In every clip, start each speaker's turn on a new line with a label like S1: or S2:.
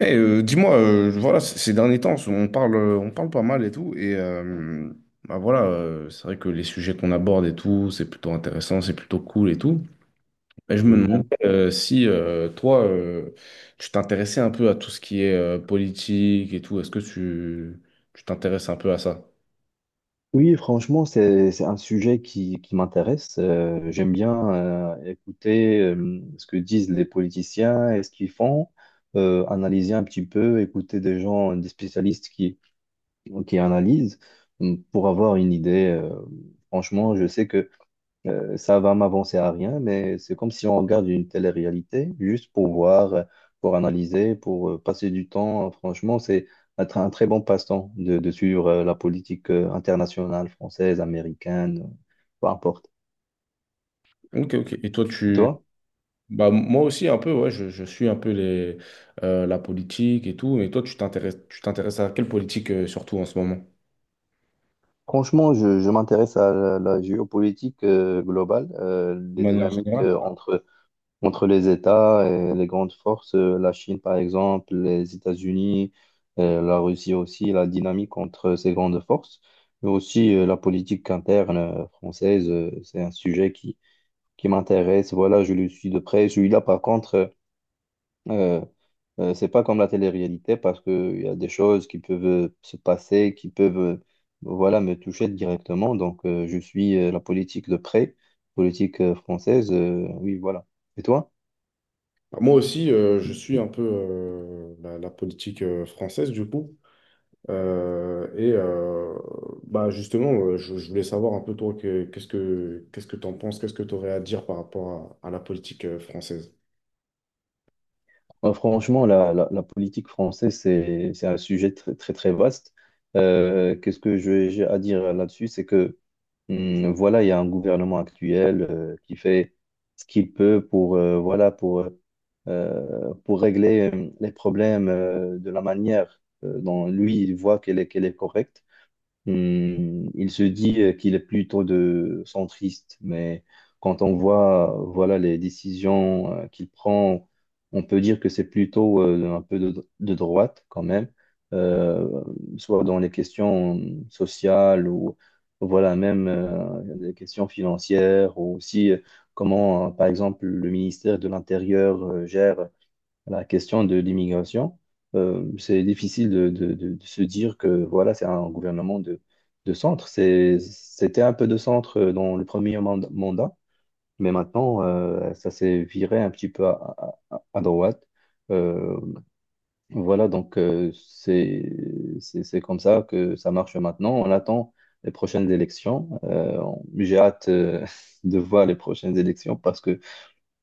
S1: Dis-moi, voilà, ces derniers temps, on parle pas mal et tout, et voilà, c'est vrai que les sujets qu'on aborde et tout, c'est plutôt intéressant, c'est plutôt cool et tout. Et je me demandais
S2: Mhm.
S1: si toi, tu t'intéressais un peu à tout ce qui est politique et tout, tu t'intéresses un peu à ça?
S2: Oui, franchement, c'est un sujet qui m'intéresse. J'aime bien écouter ce que disent les politiciens et ce qu'ils font, analyser un petit peu, écouter des gens, des spécialistes qui analysent pour avoir une idée. Franchement, je sais que ça va m'avancer à rien, mais c'est comme si on regarde une télé-réalité, juste pour voir, pour analyser, pour passer du temps. Franchement, c'est un très bon passe-temps de suivre la politique internationale, française, américaine, peu importe.
S1: Ok, ok. Et toi,
S2: Et
S1: tu,
S2: toi?
S1: bah Moi aussi un peu, ouais, je suis un peu la politique et tout, et toi, tu t'intéresses à quelle politique surtout en ce moment?
S2: Franchement, je m'intéresse à la géopolitique globale,
S1: De
S2: les
S1: manière
S2: dynamiques
S1: générale.
S2: entre les États et les grandes forces, la Chine par exemple, les États-Unis, la Russie aussi, la dynamique entre ces grandes forces, mais aussi la politique interne française, c'est un sujet qui m'intéresse. Voilà, je le suis de près. Celui-là, par contre, euh, c'est pas comme la télé-réalité parce qu'il y a des choses qui peuvent se passer, qui peuvent voilà, me toucher directement. Donc, je suis la politique de près, politique française. Oui, voilà. Et toi?
S1: Bah, moi aussi, je suis un peu la politique française, du coup. Euh, et euh, Justement, je voulais savoir un peu, toi, que- qu'est-ce que qu'est-ce que tu en penses, qu'est-ce que tu aurais à dire par rapport à la politique française.
S2: Ouais, franchement, la politique française, c'est un sujet très, très, très vaste. Qu'est-ce que j'ai à dire là-dessus? C'est que, voilà, il y a un gouvernement actuel qui fait ce qu'il peut pour, voilà, pour régler les problèmes de la manière dont lui, il voit qu'elle est correcte. Il se dit qu'il est plutôt de centriste, mais quand on voit voilà les décisions qu'il prend, on peut dire que c'est plutôt un peu de droite quand même, euh, soit dans les questions sociales ou voilà même les questions financières ou aussi comment par exemple le ministère de l'Intérieur gère la question de l'immigration, c'est difficile de se dire que voilà, c'est un gouvernement de centre. C'était un peu de centre dans le premier mandat, mais maintenant, ça s'est viré un petit peu à droite. Euh, voilà, donc c'est comme ça que ça marche maintenant. On attend les prochaines élections. J'ai hâte de voir les prochaines élections parce que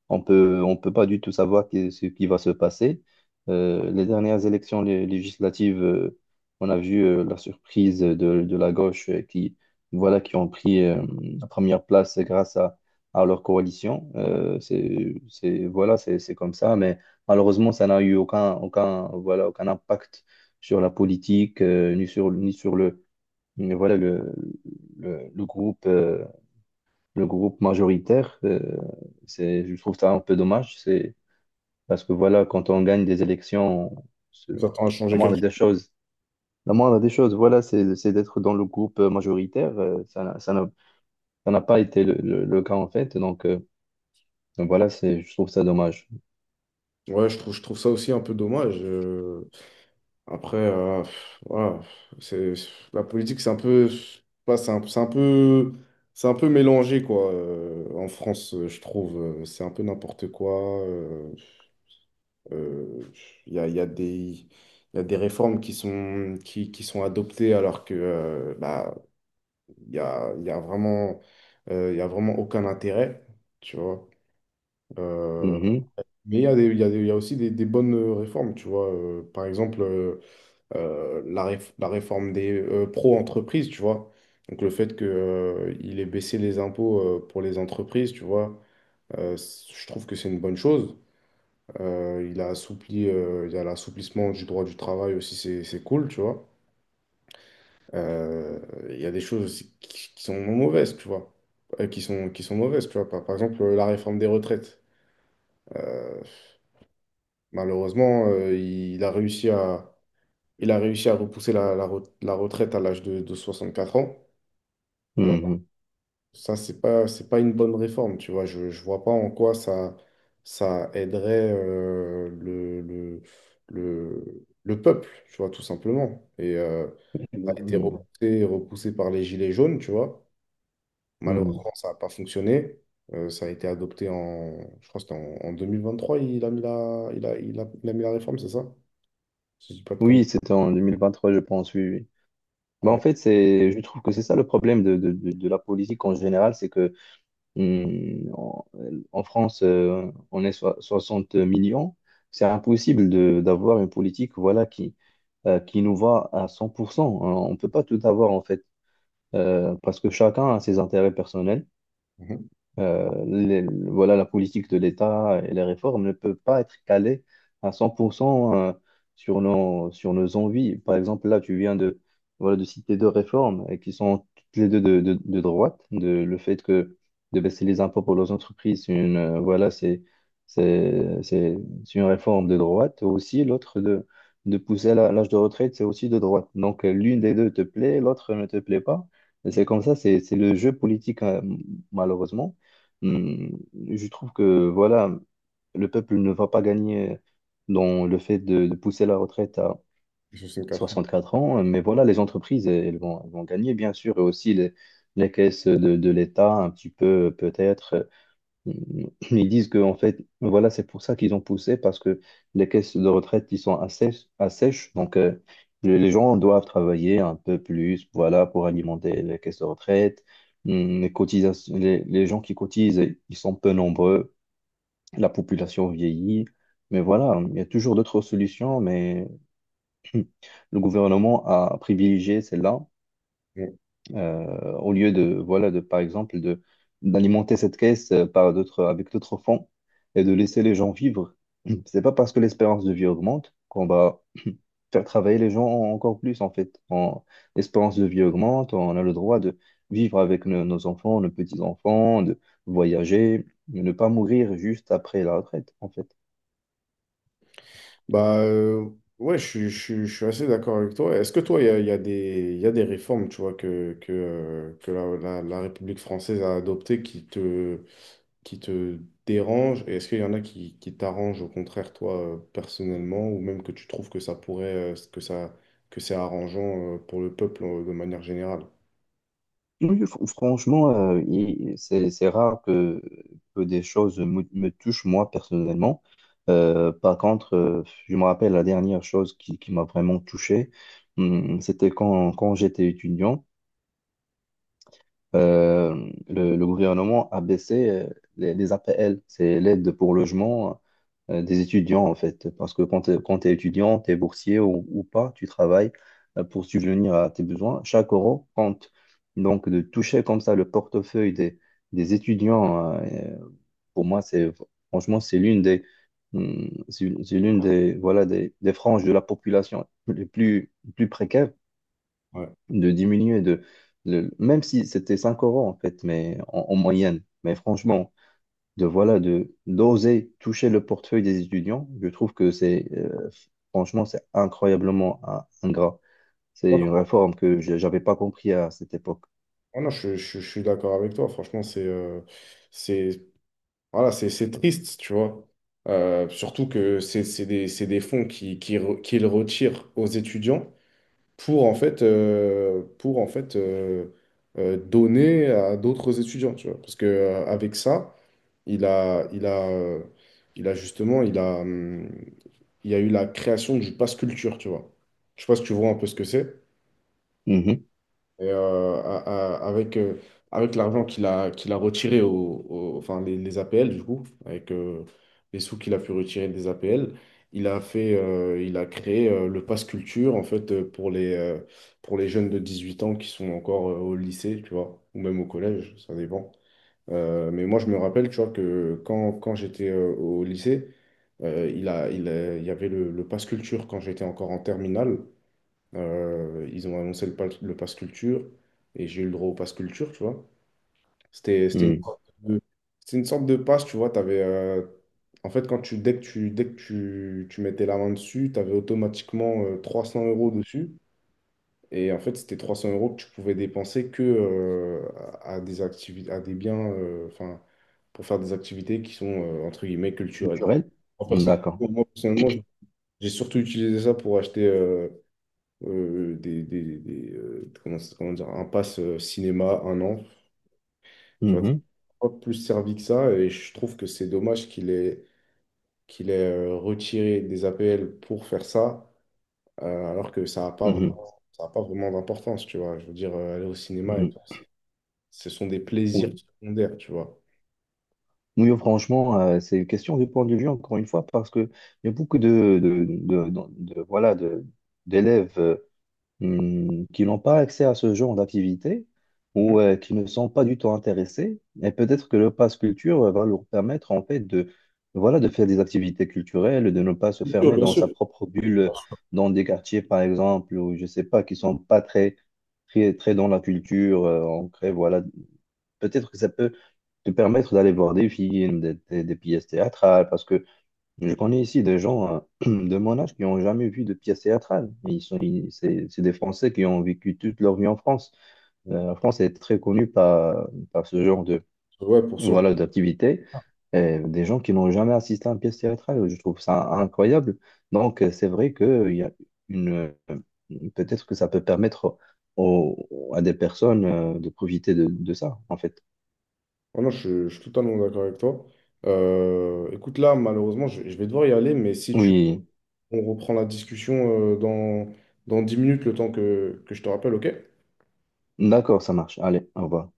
S2: on peut pas du tout savoir ce qui va se passer. Les dernières élections législatives, on a vu la surprise de la gauche qui, voilà, qui ont pris la première place grâce à leur coalition. Voilà, c'est comme ça, mais malheureusement, ça n'a eu aucun impact sur la politique, ni sur voilà, le groupe. Le groupe majoritaire. Je trouve ça un peu dommage. C'est parce que voilà, quand on gagne des élections, se-
S1: On s'attend à
S2: la
S1: changer
S2: moindre
S1: quelque
S2: des choses, la moindre des choses, voilà, c'est d'être dans le groupe majoritaire. Ça n'a pas été le cas en fait. Donc voilà, je trouve ça dommage.
S1: chose. Ouais, je trouve ça aussi un peu dommage. Après, voilà, c'est, la politique, c'est un peu, je sais pas, c'est un peu mélangé, quoi, en France, je trouve. C'est un peu n'importe quoi. Euh, il y a des réformes qui sont adoptées alors que il y a vraiment, il y a vraiment aucun intérêt, tu vois. Euh,
S2: Mhm,
S1: mais il y a aussi des bonnes réformes, tu vois. Par exemple, la réforme des pro-entreprises, tu vois. Donc le fait que, il ait baissé les impôts pour les entreprises, tu vois, je trouve que c'est une bonne chose. Il y a l'assouplissement du droit du travail aussi, c'est cool, tu vois. Euh, il y a des choses aussi qui sont mauvaises, tu vois. Par, par exemple, la réforme des retraites. Euh, Malheureusement, il a réussi à repousser la retraite à l'âge de 64 ans. Euh,
S2: mhm,
S1: Ça, c'est pas une bonne réforme, tu vois. Je vois pas en quoi ça, ça aiderait le peuple, tu vois, tout simplement. Et ça a été
S2: mhm,
S1: repoussé par les Gilets jaunes, tu vois.
S2: mhm.
S1: Malheureusement, ça n'a pas fonctionné. Ça a été adopté en, je crois que c'était en 2023, il a mis la réforme, c'est ça? Si je dis pas de conneries.
S2: Oui, c'était en 2023, je pense. Oui, oui. Mais en
S1: Ouais.
S2: fait, je trouve que c'est ça le problème de la politique en général, c'est que Hmm, En en France, on est 60 millions. C'est impossible d'avoir une politique voilà, qui nous va à 100%. On ne peut pas tout avoir, en fait, parce que chacun a ses intérêts personnels.
S1: Mhm.
S2: Euh, les- voilà, la politique de l'État et les réformes ne peuvent pas être calées à 100% sur nos envies. Par exemple, là, tu viens de citer deux réformes et qui sont toutes les deux de droite. Le fait que de baisser les impôts pour les entreprises, c'est une, voilà, c'est, c'est, c'est une réforme de droite. Aussi, l'autre de pousser l'âge de retraite, c'est aussi de droite. Donc, l'une des deux te plaît, l'autre ne te plaît pas. Et c'est comme ça, c'est le jeu politique, malheureusement. Hum, Je trouve que voilà, le peuple ne va pas gagner dans le fait de pousser la retraite à
S1: 64 ans.
S2: 64 ans, mais voilà, les entreprises, elles vont gagner, bien sûr, et aussi les caisses de l'État, un petit peu peut-être. Ils disent que, en fait, voilà, c'est pour ça qu'ils ont poussé, parce que les caisses de retraite, ils sont assez sèches. Donc, les gens doivent travailler un peu plus, voilà, pour alimenter les caisses de retraite. Les cotisations, les gens qui cotisent, ils sont peu nombreux. La population vieillit. Mais voilà, il y a toujours d'autres solutions, mais le gouvernement a privilégié celle-là au lieu voilà, par exemple, d'alimenter cette caisse par d'autres, avec d'autres fonds et de laisser les gens vivre. C'est pas parce que l'espérance de vie augmente qu'on va faire travailler les gens encore plus, en fait. L'espérance de vie augmente, on a le droit de vivre avec nos enfants, nos petits-enfants, de voyager, de ne pas mourir juste après la retraite, en fait.
S1: Bah euh, ouais, je suis assez d'accord avec toi. Est-ce que toi, il y a des réformes, tu vois, que la République française a adoptées qui te dérangent? Et est-ce qu'il y en a qui t'arrangent au contraire, toi, personnellement, ou même que tu trouves que ça pourrait, que c'est arrangeant pour le peuple de manière générale?
S2: Oui, franchement, c'est rare que des choses me touchent moi personnellement. Par contre, je me rappelle la dernière chose qui m'a vraiment touché. C'était quand j'étais étudiant le gouvernement a baissé les APL, c'est l'aide pour logement des étudiants en fait. Parce que quand t'es étudiant, tu es boursier ou pas, tu travailles pour subvenir à tes besoins. Chaque euro compte. Donc de toucher comme ça le portefeuille des étudiants, pour moi, c'est franchement, c'est l'une des, c'est l'une des franges de la population les plus précaires
S1: Ouais.
S2: de diminuer même si c'était 5 euros en fait mais en moyenne, mais franchement, de voilà, de d'oser toucher le portefeuille des étudiants, je trouve que c'est franchement, c'est incroyablement ingrat. C'est
S1: Ouais,
S2: une réforme que j'avais pas compris à cette époque.
S1: ah non, je suis d'accord avec toi. Franchement, c'est voilà, c'est triste, tu vois. Surtout que c'est des fonds qu'ils retirent aux étudiants pour, en fait donner à d'autres étudiants, tu vois. Parce que, avec ça, il a, il a, il a justement, il a, il y a eu la création du pass culture, tu vois. Je sais pas si tu vois un peu ce que c'est.
S2: Mhm.
S1: Et, avec avec l'argent qu'il a retiré, enfin les APL du coup, avec les sous qu'il a pu retirer des APL, il a créé le Pass Culture en fait pour les jeunes de 18 ans qui sont encore au lycée, tu vois, ou même au collège, ça dépend. Mais moi je me rappelle, tu vois, que quand j'étais au lycée, il y avait le Pass Culture quand j'étais encore en terminale. Ils ont annoncé le pass culture et j'ai eu le droit au pass culture, tu vois. C'était une
S2: Mhm.
S1: sorte de, c'était une sorte de pass, tu vois. En fait, quand tu, dès que tu, dès que tu mettais la main dessus, tu avais automatiquement 300 € dessus. Et en fait, c'était 300 € que tu pouvais dépenser que à des activités, à des biens, enfin, pour faire des activités qui sont, entre guillemets, culturelles.
S2: Culturel.
S1: Moi, personnellement,
S2: D'accord.
S1: Moi, personnellement, j'ai surtout utilisé ça pour acheter, comment dire, un pass cinéma, un an. Tu vois,
S2: Mhm.
S1: pas plus servi que ça. Et je trouve que c'est dommage qu'il ait retiré des APL pour faire ça, alors que ça n'a pas,
S2: Mhm.
S1: ça a pas vraiment d'importance, tu vois. Je veux dire, aller au cinéma, et tout,
S2: Mhm.
S1: c'est- ce sont des plaisirs
S2: Oui.
S1: secondaires, tu vois.
S2: Oui, franchement, c'est une question de point de vue, encore une fois, parce que il y a beaucoup voilà, d'élèves qui n'ont pas accès à ce genre d'activité
S1: Mhm.
S2: ou qui ne sont pas du tout intéressés. Et peut-être que le pass culture va leur permettre en fait voilà, de faire des activités culturelles, de ne pas se fermer
S1: Bien
S2: dans
S1: sûr.
S2: sa propre bulle, dans des quartiers par exemple, ou je sais pas, qui sont pas très, très, très dans la culture ancrée, voilà. Peut-être que ça peut te permettre d'aller voir des films, des pièces théâtrales, parce que je connais ici des gens de mon âge qui n'ont jamais vu de pièce théâtrale. C'est des Français qui ont vécu toute leur vie en France. La France est très connue par ce genre
S1: Ouais, pour ce genre.
S2: voilà, d'activité. Et des gens qui n'ont jamais assisté à une pièce théâtrale, je trouve ça incroyable. Donc, c'est vrai qu'il y a une, euh, peut-être que ça peut permettre aux- à des personnes de profiter de ça, en fait.
S1: Ah non, je suis totalement d'accord avec toi. Écoute, là, malheureusement, je vais devoir y aller, mais si tu
S2: Oui,
S1: on reprend la discussion dans 10 minutes, le temps que je te rappelle, ok?
S2: d'accord, ça marche. Allez, au revoir.